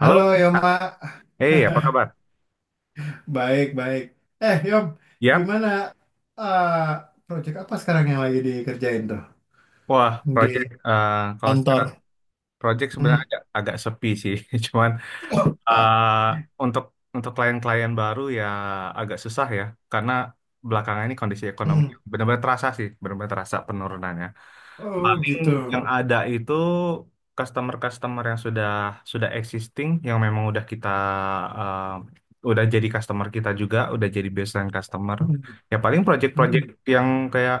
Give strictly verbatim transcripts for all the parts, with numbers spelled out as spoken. Halo, Halo Kak. Yoma, eh Apa kabar? baik-baik. Eh Yom, Yap, gimana eh proyek apa sekarang yang lagi dikerjain tuh wah, di project, eh, kalau kantor? sekarang project sebenarnya Hmm. agak, agak sepi sih, cuman eh, untuk untuk klien-klien baru ya, agak susah ya, karena belakangan ini kondisi ekonomi Hmm. benar-benar terasa sih, benar-benar terasa penurunannya. Oh Paling gitu. yang ada itu customer-customer yang sudah sudah existing, yang memang udah kita, eh, udah jadi customer kita juga, udah jadi baseline customer. Hmm. Ya paling project-project Hmm. yang kayak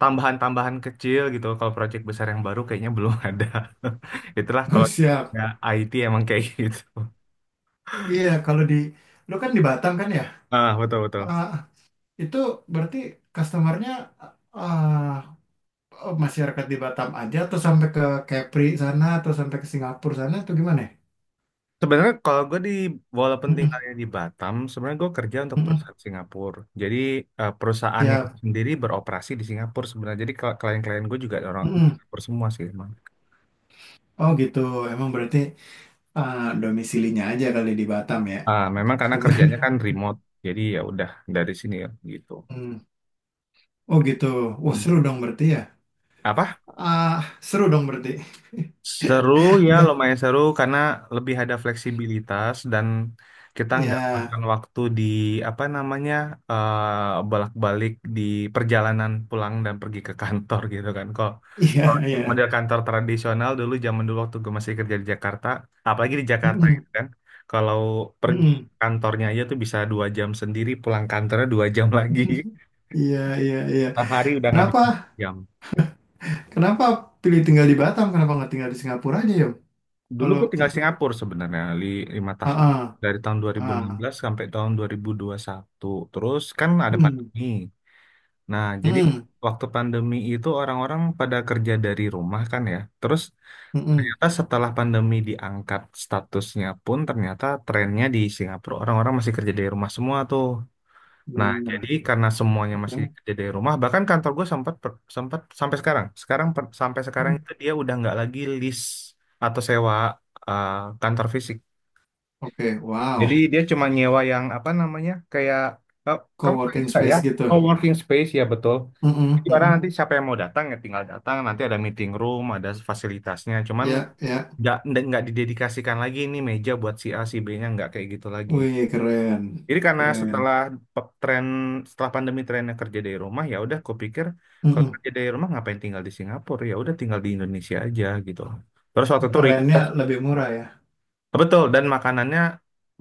tambahan-tambahan kecil gitu. Kalau proyek besar yang baru kayaknya belum ada. Itulah kalau ya, Siap. I T emang kayak gitu. Iya kalau di, lo kan di Batam kan ya? Ah, betul betul. Ah, itu berarti customernya ah, masyarakat di Batam aja atau sampai ke Kepri sana atau sampai ke Singapura sana atau gimana, ya? Sebenarnya kalau gue di walaupun Hmm. Hmm. tinggalnya di Batam, sebenarnya gue kerja untuk Hmm, hmm. perusahaan Singapura. Jadi eh, perusahaannya Siap. sendiri beroperasi di Singapura sebenarnya. Jadi kl- klien-klien gue juga orang di Mm-mm. Singapura semua sih emang. Oh gitu, emang berarti ah, domisilinya aja kali di Batam ya, Ah, memang karena teman. kerjanya kan remote, jadi ya udah dari sini ya gitu. Hmm. Oh gitu, wah Hmm. seru dong berarti ya. Apa? Ah Seru dong berarti. Seru ya, Biar, lumayan seru karena lebih ada fleksibilitas, dan kita nggak makan ya, waktu di apa namanya, eh, bolak-balik di perjalanan pulang dan pergi ke kantor gitu kan. Kok iya, kalau yang iya. model kantor tradisional dulu, zaman dulu waktu gue masih kerja di Jakarta, apalagi di Jakarta Mm-mm, gitu kan, kalau pergi mm-mm. kantornya aja tuh bisa dua jam sendiri, pulang kantornya dua jam lagi. Iya, iya, iya. Sehari udah nggak Kenapa, bisa jam. kenapa pilih tinggal di Batam? Kenapa nggak tinggal di Singapura aja yuk? Dulu Kalau, gue tinggal ke- Singapura sebenarnya li- lima ah, tahun dari tahun ah, ah. dua ribu enam belas sampai tahun dua ribu dua puluh satu. Terus kan ada Mm, pandemi. Nah, jadi mm, waktu pandemi itu orang-orang pada kerja dari rumah kan ya. Terus mm-mm. ternyata setelah pandemi diangkat statusnya pun, ternyata trennya di Singapura orang-orang masih kerja dari rumah semua tuh. Nah, jadi Benar. karena semuanya masih Oke, kerja dari rumah, bahkan kantor gue sempat, per- sempat sampai sekarang. Sekarang, per- sampai sekarang mm. itu dia udah nggak lagi lease atau sewa, eh, kantor fisik. Oke, Jadi wow, dia cuma nyewa yang apa namanya, kayak, "Oh, kamu tahu itu co-working nggak ya?" space gitu. Oh, working space, ya betul. Mm-mm, Jadi orang mm-mm. nanti siapa yang mau datang ya tinggal datang. Nanti ada meeting room, ada fasilitasnya. Cuman Ya, ya. nggak nggak nggak didedikasikan lagi ini meja buat si A si B-nya, nggak kayak gitu lagi. Wih, keren. Jadi karena Keren. setelah, pe- tren setelah pandemi trennya kerja dari rumah, ya udah, kupikir kalau Mm-mm. kerja dari rumah ngapain tinggal di Singapura, ya udah tinggal di Indonesia aja gitu. Terus waktu itu Rentnya request, lebih murah ya. betul, dan makanannya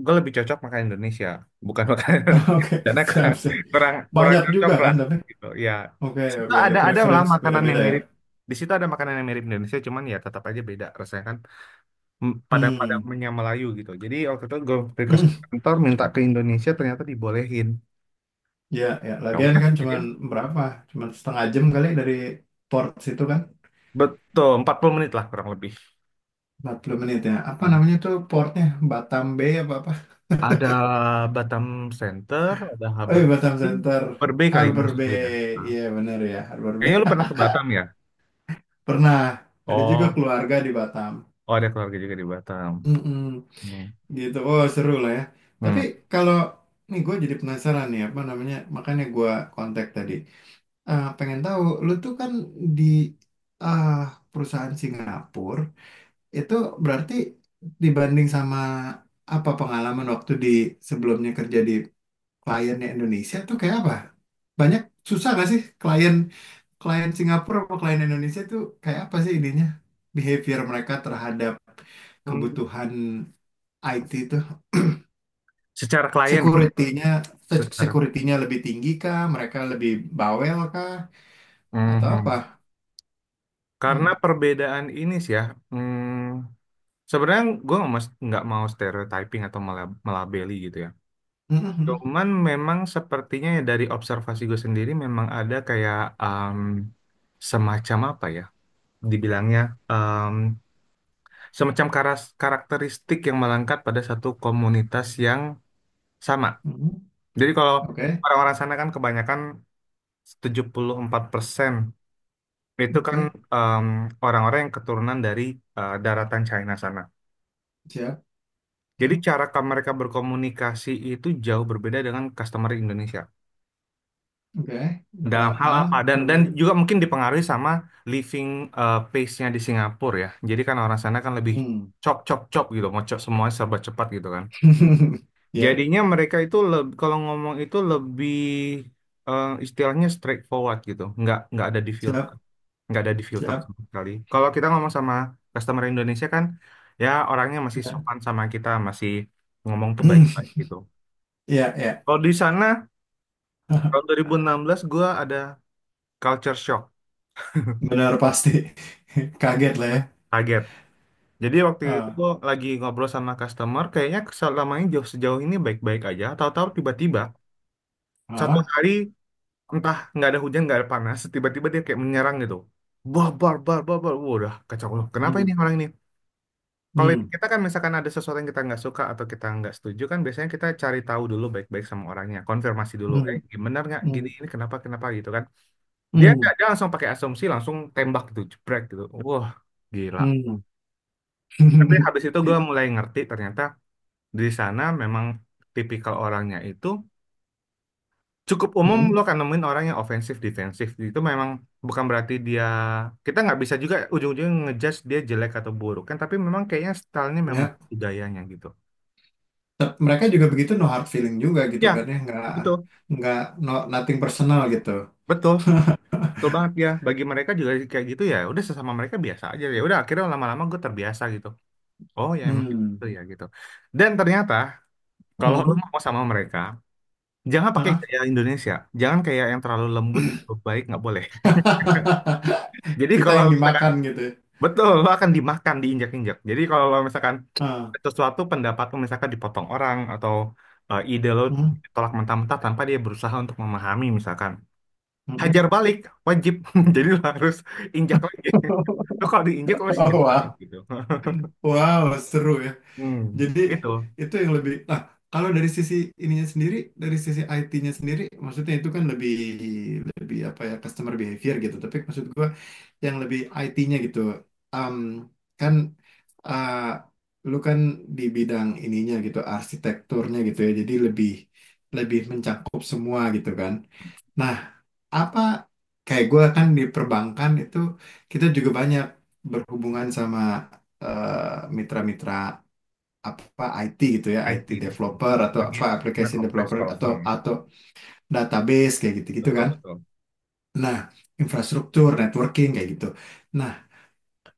gue lebih cocok makan Indonesia bukan makan, Oke, karena siap, kurang siap. kurang kurang Banyak cocok juga lah kan tapi. gitu ya. Oke, Di situ oke. Ya, ada ada lah preference makanan yang beda-beda ya. mirip, di situ ada makanan yang mirip Indonesia cuman ya tetap aja beda rasanya kan. M- Hmm. Padang-padangnya Melayu gitu. Jadi waktu itu gue request ke Mm. kantor minta ke Indonesia, ternyata dibolehin. Ya, ya. Ya Lagian udah, kan jadi. cuman berapa? Cuman setengah jam kali dari port situ kan. Betul, empat puluh menit lah kurang lebih. Empat puluh menit ya. Apa Hmm. namanya tuh portnya? Batam Bay apa-apa? Ada Batam Center, ada Oh Harbour iya, Batam Bay. Center. Harbour Bay kali ini Harbor maksud lu ya. Bay. Nah, Iya, bener ya. Harbor Bay. kayaknya lu pernah ke Batam ya? Pernah. Ada juga Oh, keluarga di Batam. oh ada keluarga juga di Batam. Mm-mm. Hmm. Gitu, oh seru lah ya. Tapi Hmm. kalau nih gue jadi penasaran nih apa namanya, makanya gue kontak tadi. Eh, pengen tahu, lu tuh kan di ah, perusahaan Singapura itu berarti dibanding sama apa pengalaman waktu di sebelumnya kerja di kliennya Indonesia tuh kayak apa? Banyak susah gak sih klien klien Singapura sama klien Indonesia tuh kayak apa sih ininya? Behavior mereka terhadap Hmm. kebutuhan I T itu? Secara klien, ya? Security-nya se- Secara. security-nya lebih tinggi kah? Mereka lebih bawel kah? Atau Mhm. apa? Karena Hmm. perbedaan ini sih ya. hmm, Sebenarnya gue nggak mas- nggak mau stereotyping atau mela- melabeli gitu ya. Hmm, hmm, hmm. Cuman memang sepertinya ya, dari observasi gue sendiri memang ada kayak, em, semacam apa ya dibilangnya, em, semacam karas- karakteristik yang melengkap pada satu komunitas yang sama. Hmm, Jadi kalau oke, orang-orang sana kan kebanyakan tujuh puluh empat persen itu kan, oke, em, orang-orang yang keturunan dari, eh, daratan China sana. siap. Jadi Hmm, cara ka- mereka berkomunikasi itu jauh berbeda dengan customer Indonesia. oke, Dalam dalam hal hal apa? Dan dan perbedaan. juga mungkin dipengaruhi sama living, eh, pace-nya di Singapura ya. Jadi kan orang sana kan lebih Hmm. chop chop chop gitu, mau chop semuanya serba cepat gitu kan. Ya, Jadinya mereka itu, leb- kalau ngomong itu lebih, eh, istilahnya straightforward gitu, nggak nggak ada di filter, siap, nggak ada di filter siap. sama sekali. Kalau kita ngomong sama customer Indonesia kan, ya orangnya masih Ya, sopan sama kita, masih ngomong tuh hmm, baik-baik gitu. ya, ya. Kalau di sana tahun dua ribu enam belas gue ada culture shock, Benar pasti. Kaget lah ya. kaget. Jadi waktu itu Ah, gua lagi ngobrol sama customer, kayaknya selama ini, jauh sejauh ini baik-baik aja. Tahu-tahu tiba-tiba satu ah. hari, entah nggak ada hujan nggak ada panas, tiba-tiba dia kayak menyerang gitu. Bar bar bar bar bar, wah, udah kacau loh. Kenapa Hmm, ini orang ini? Kalau di hmm, kita kan misalkan ada sesuatu yang kita nggak suka atau kita nggak setuju kan biasanya kita cari tahu dulu baik-baik sama orangnya, konfirmasi dulu. hmm, Eh, gimana, nggak, gini hmm, ini kenapa, kenapa gitu kan? Dia nggak hmm, Dia langsung pakai asumsi, langsung tembak gitu, jebrek gitu. Wah, gila. hmm. Tapi habis itu gue mulai ngerti ternyata di sana memang tipikal orangnya itu cukup umum, Hmm, lo akan nemuin orang yang ofensif defensif. Itu memang bukan berarti, dia kita nggak bisa juga ujung-ujungnya ngejudge dia jelek atau buruk kan, tapi memang kayaknya stylenya memang ya. budayanya gitu Tep- mereka juga begitu no hard feeling juga gitu kan ya. ya nggak Betul, nggak no nothing personal gitu betul, betul banget ya. Bagi mereka juga kayak gitu, ya udah, sesama mereka biasa aja, ya udah. Akhirnya lama-lama gue terbiasa gitu. Oh ya, emang itu hmm. ya gitu. Dan ternyata kalau lo Hmm. mau sama mereka, jangan pakai Hah? gaya Indonesia. Jangan kayak yang terlalu lembut, terlalu baik, nggak boleh. Jadi Kita kalau yang misalkan dimakan gitu ya. Betul, lo akan dimakan, diinjak-injak. Jadi kalau lo misalkan, Ah. sesuatu pendapat lo misalkan dipotong orang, atau eh, ide lo Hmm. ditolak mentah-mentah tanpa dia berusaha untuk memahami misalkan. Hmm. Hajar balik, wajib. Jadi lo harus injak lagi. Lo kalau diinjak lo harus injak balik Wah, gitu. wow, seru ya. Hmm, Jadi gitu. itu yang lebih. Nah, kalau dari sisi ininya sendiri, dari sisi I T-nya sendiri, maksudnya itu kan lebih lebih apa ya customer behavior gitu. Tapi maksud gua yang lebih I T-nya gitu. Em, Kan eh, lu kan di bidang ininya gitu, arsitekturnya gitu ya. Jadi lebih lebih mencakup semua gitu kan. Nah, apa kayak gue kan di perbankan itu kita juga banyak berhubungan sama eh, mitra-mitra apa I T gitu ya, I T, I T developer betul-betul. atau Jadi apa sebenarnya application kompleks developer kalau atau bank, ya. atau database kayak gitu-gitu kan. Betul-betul. Nah, infrastruktur, networking kayak gitu. Nah,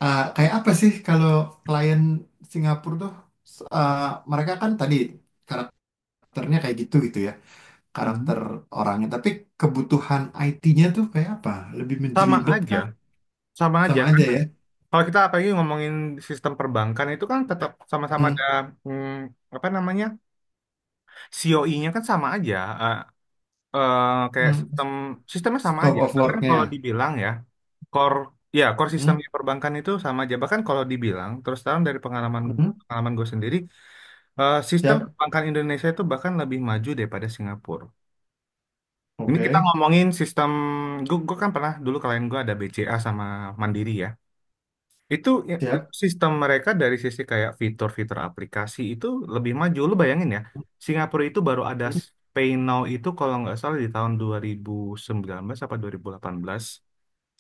Uh, kayak apa sih kalau klien Singapura tuh s- uh, mereka kan tadi karakternya kayak gitu gitu ya Hmm. karakter orangnya tapi kebutuhan I T-nya tuh kayak apa lebih Sama menjelibet aja, kah sama aja. sama aja Karena ya kalau kita apalagi ngomongin sistem perbankan itu kan tetap sama-sama ada, hmm. hmm, apa namanya, C O I-nya kan sama aja, eh, eh, kayak Hmm. sistem sistemnya sama Scope aja. of Bahkan kalau work-nya dibilang ya, core ya core hmm. sistemnya perbankan itu sama aja. Bahkan kalau dibilang terus terang, dari pengalaman Hmm. pengalaman gue sendiri, eh, sistem Siap perbankan Indonesia itu bahkan lebih maju daripada Singapura. Ini kita oke ngomongin sistem. Gue, gue kan pernah dulu klien gue ada B C A sama Mandiri ya. Itu ya, itu siap. sistem mereka dari sisi kayak fitur-fitur aplikasi itu lebih maju. Lu bayangin ya, Singapura itu baru ada Hmm. Pay Now itu kalau nggak salah di tahun dua ribu sembilan belas apa dua ribu delapan belas.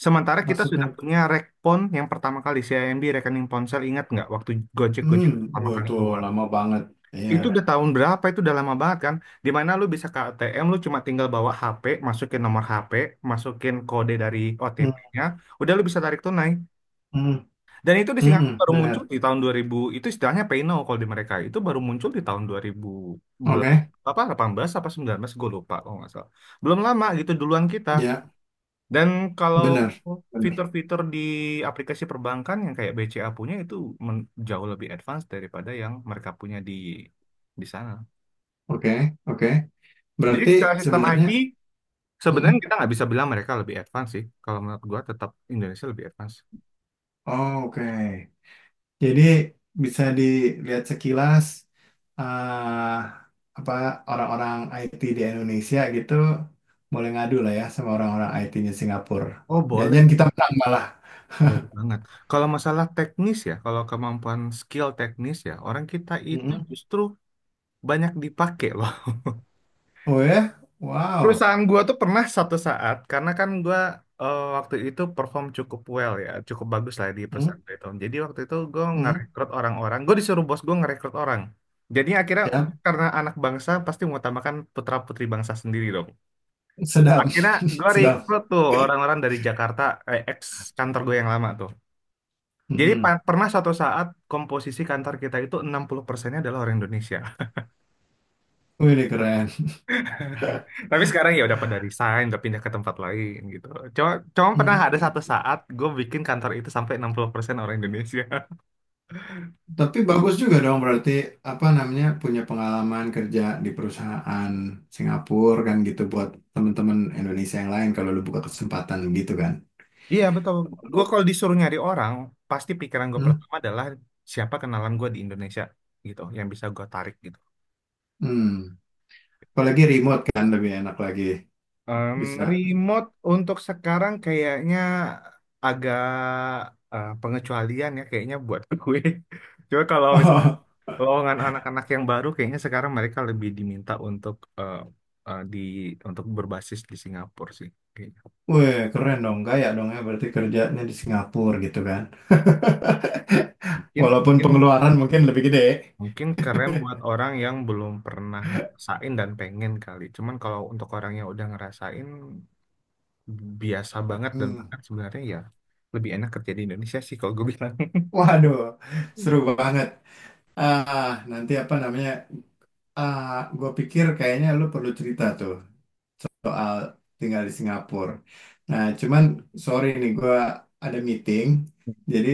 Sementara kita sudah Maksudnya punya Rekpon yang pertama kali, C I M B rekening ponsel, ingat nggak waktu Gojek-Gojek hmm pertama oh, kali itu keluar. lama banget iya Itu, ya udah, iya, tahun berapa, itu udah lama banget kan. Dimana lu bisa ke A T M, lu cuma tinggal bawa H P, masukin nomor H P, masukin kode dari hmm. O T P-nya, udah lu bisa tarik tunai. Hmm. Dan itu di Hmm. Singapura Hmm. baru muncul Benar di tahun dua ribu, itu istilahnya Peino kalau di mereka, itu baru muncul di tahun dua ribu oke apa delapan belas apa sembilan belas gue lupa kalau nggak salah. Belum lama gitu, duluan kita. ya Dan kalau benar benar fitur-fitur di aplikasi perbankan yang kayak B C A punya itu, men- jauh lebih advance daripada yang mereka punya di di sana. oke oke Jadi berarti secara sistem sebenarnya I T hmm, sebenarnya hmm. kita nggak bisa bilang mereka lebih advance sih. Kalau menurut gua tetap Indonesia lebih advance. Oh, oke, jadi bisa dilihat sekilas eh, apa orang-orang I T di Indonesia gitu boleh ngadu lah ya sama orang-orang I T-nya Singapura. Oh, Jangan boleh. kita menang malah. Boleh banget. Kalau masalah teknis ya, kalau kemampuan skill teknis ya, orang kita itu Mm-mm. justru banyak dipakai loh. Oh ya, wow, Perusahaan gua tuh pernah satu saat, karena kan gua, eh, waktu itu perform cukup well ya, cukup bagus lah di perusahaan itu. Jadi waktu itu gua mm-mm. ngerekrut orang-orang, gua disuruh bos gua ngerekrut orang. Jadi akhirnya, Siap. karena anak bangsa pasti mengutamakan putra-putri bangsa sendiri dong. Sedap, Akhirnya gue sedap. rekrut tuh orang-orang dari Jakarta, eh, ex kantor gue yang lama tuh. Jadi Mm-mm. pa- pernah suatu saat komposisi kantor kita itu enam puluh persennya adalah orang Indonesia. Wih, ini keren. Tapi sekarang ya udah pada resign, udah pindah ke tempat lain gitu. Cuma, cuma pernah ada Mm. satu saat gue bikin kantor itu sampai enam puluh persen orang Indonesia. Tapi bagus juga dong berarti apa namanya punya pengalaman kerja di perusahaan Singapura kan gitu buat teman-teman Indonesia yang lain kalau lu buka kesempatan gitu kan. Iya betul. Gue Kalau kalau disuruh nyari orang, pasti pikiran gue hmm, pertama adalah siapa kenalan gue di Indonesia gitu, yang bisa gue tarik gitu. hmm. Apalagi remote kan lebih enak lagi Em, bisa. Remote untuk sekarang kayaknya agak, eh, pengecualian ya kayaknya buat gue. Cuma kalau Kalau golongan anak-anak yang baru, kayaknya sekarang mereka lebih diminta untuk, eh, eh, di untuk berbasis di Singapura sih. Kayaknya. Weh, keren dong, kaya dong ya berarti kerjanya di Singapura gitu kan. Mungkin Walaupun mungkin pengeluaran mungkin lebih gede. mungkin keren buat orang yang belum pernah ngerasain dan pengen kali. Cuman kalau untuk orang yang udah ngerasain, biasa banget, dan Hmm. bahkan sebenarnya ya lebih enak kerja di Indonesia sih kalau gue bilang. Waduh, seru banget. Ah, nanti apa namanya? Ah, gue pikir kayaknya lu perlu cerita tuh soal tinggal di Singapura. Nah, cuman sorry nih gue ada meeting, jadi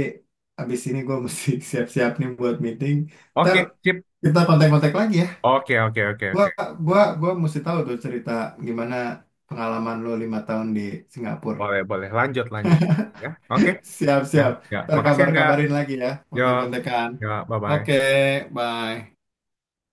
abis ini gue mesti siap-siap nih buat meeting. Ntar Oke, sip. kita kontak-kontak lagi ya. Oke, oke, oke, Gua, oke. gua, gua mesti tahu tuh cerita gimana pengalaman lo lima tahun di Singapura. Boleh, boleh. Lanjut, lanjut. Ya, oke. Ya, Siap-siap. ya. Ntar Makasih enggak. kabar-kabarin lagi ya, Yo, kontak-kontakan. ya, Oke, bye-bye. bye.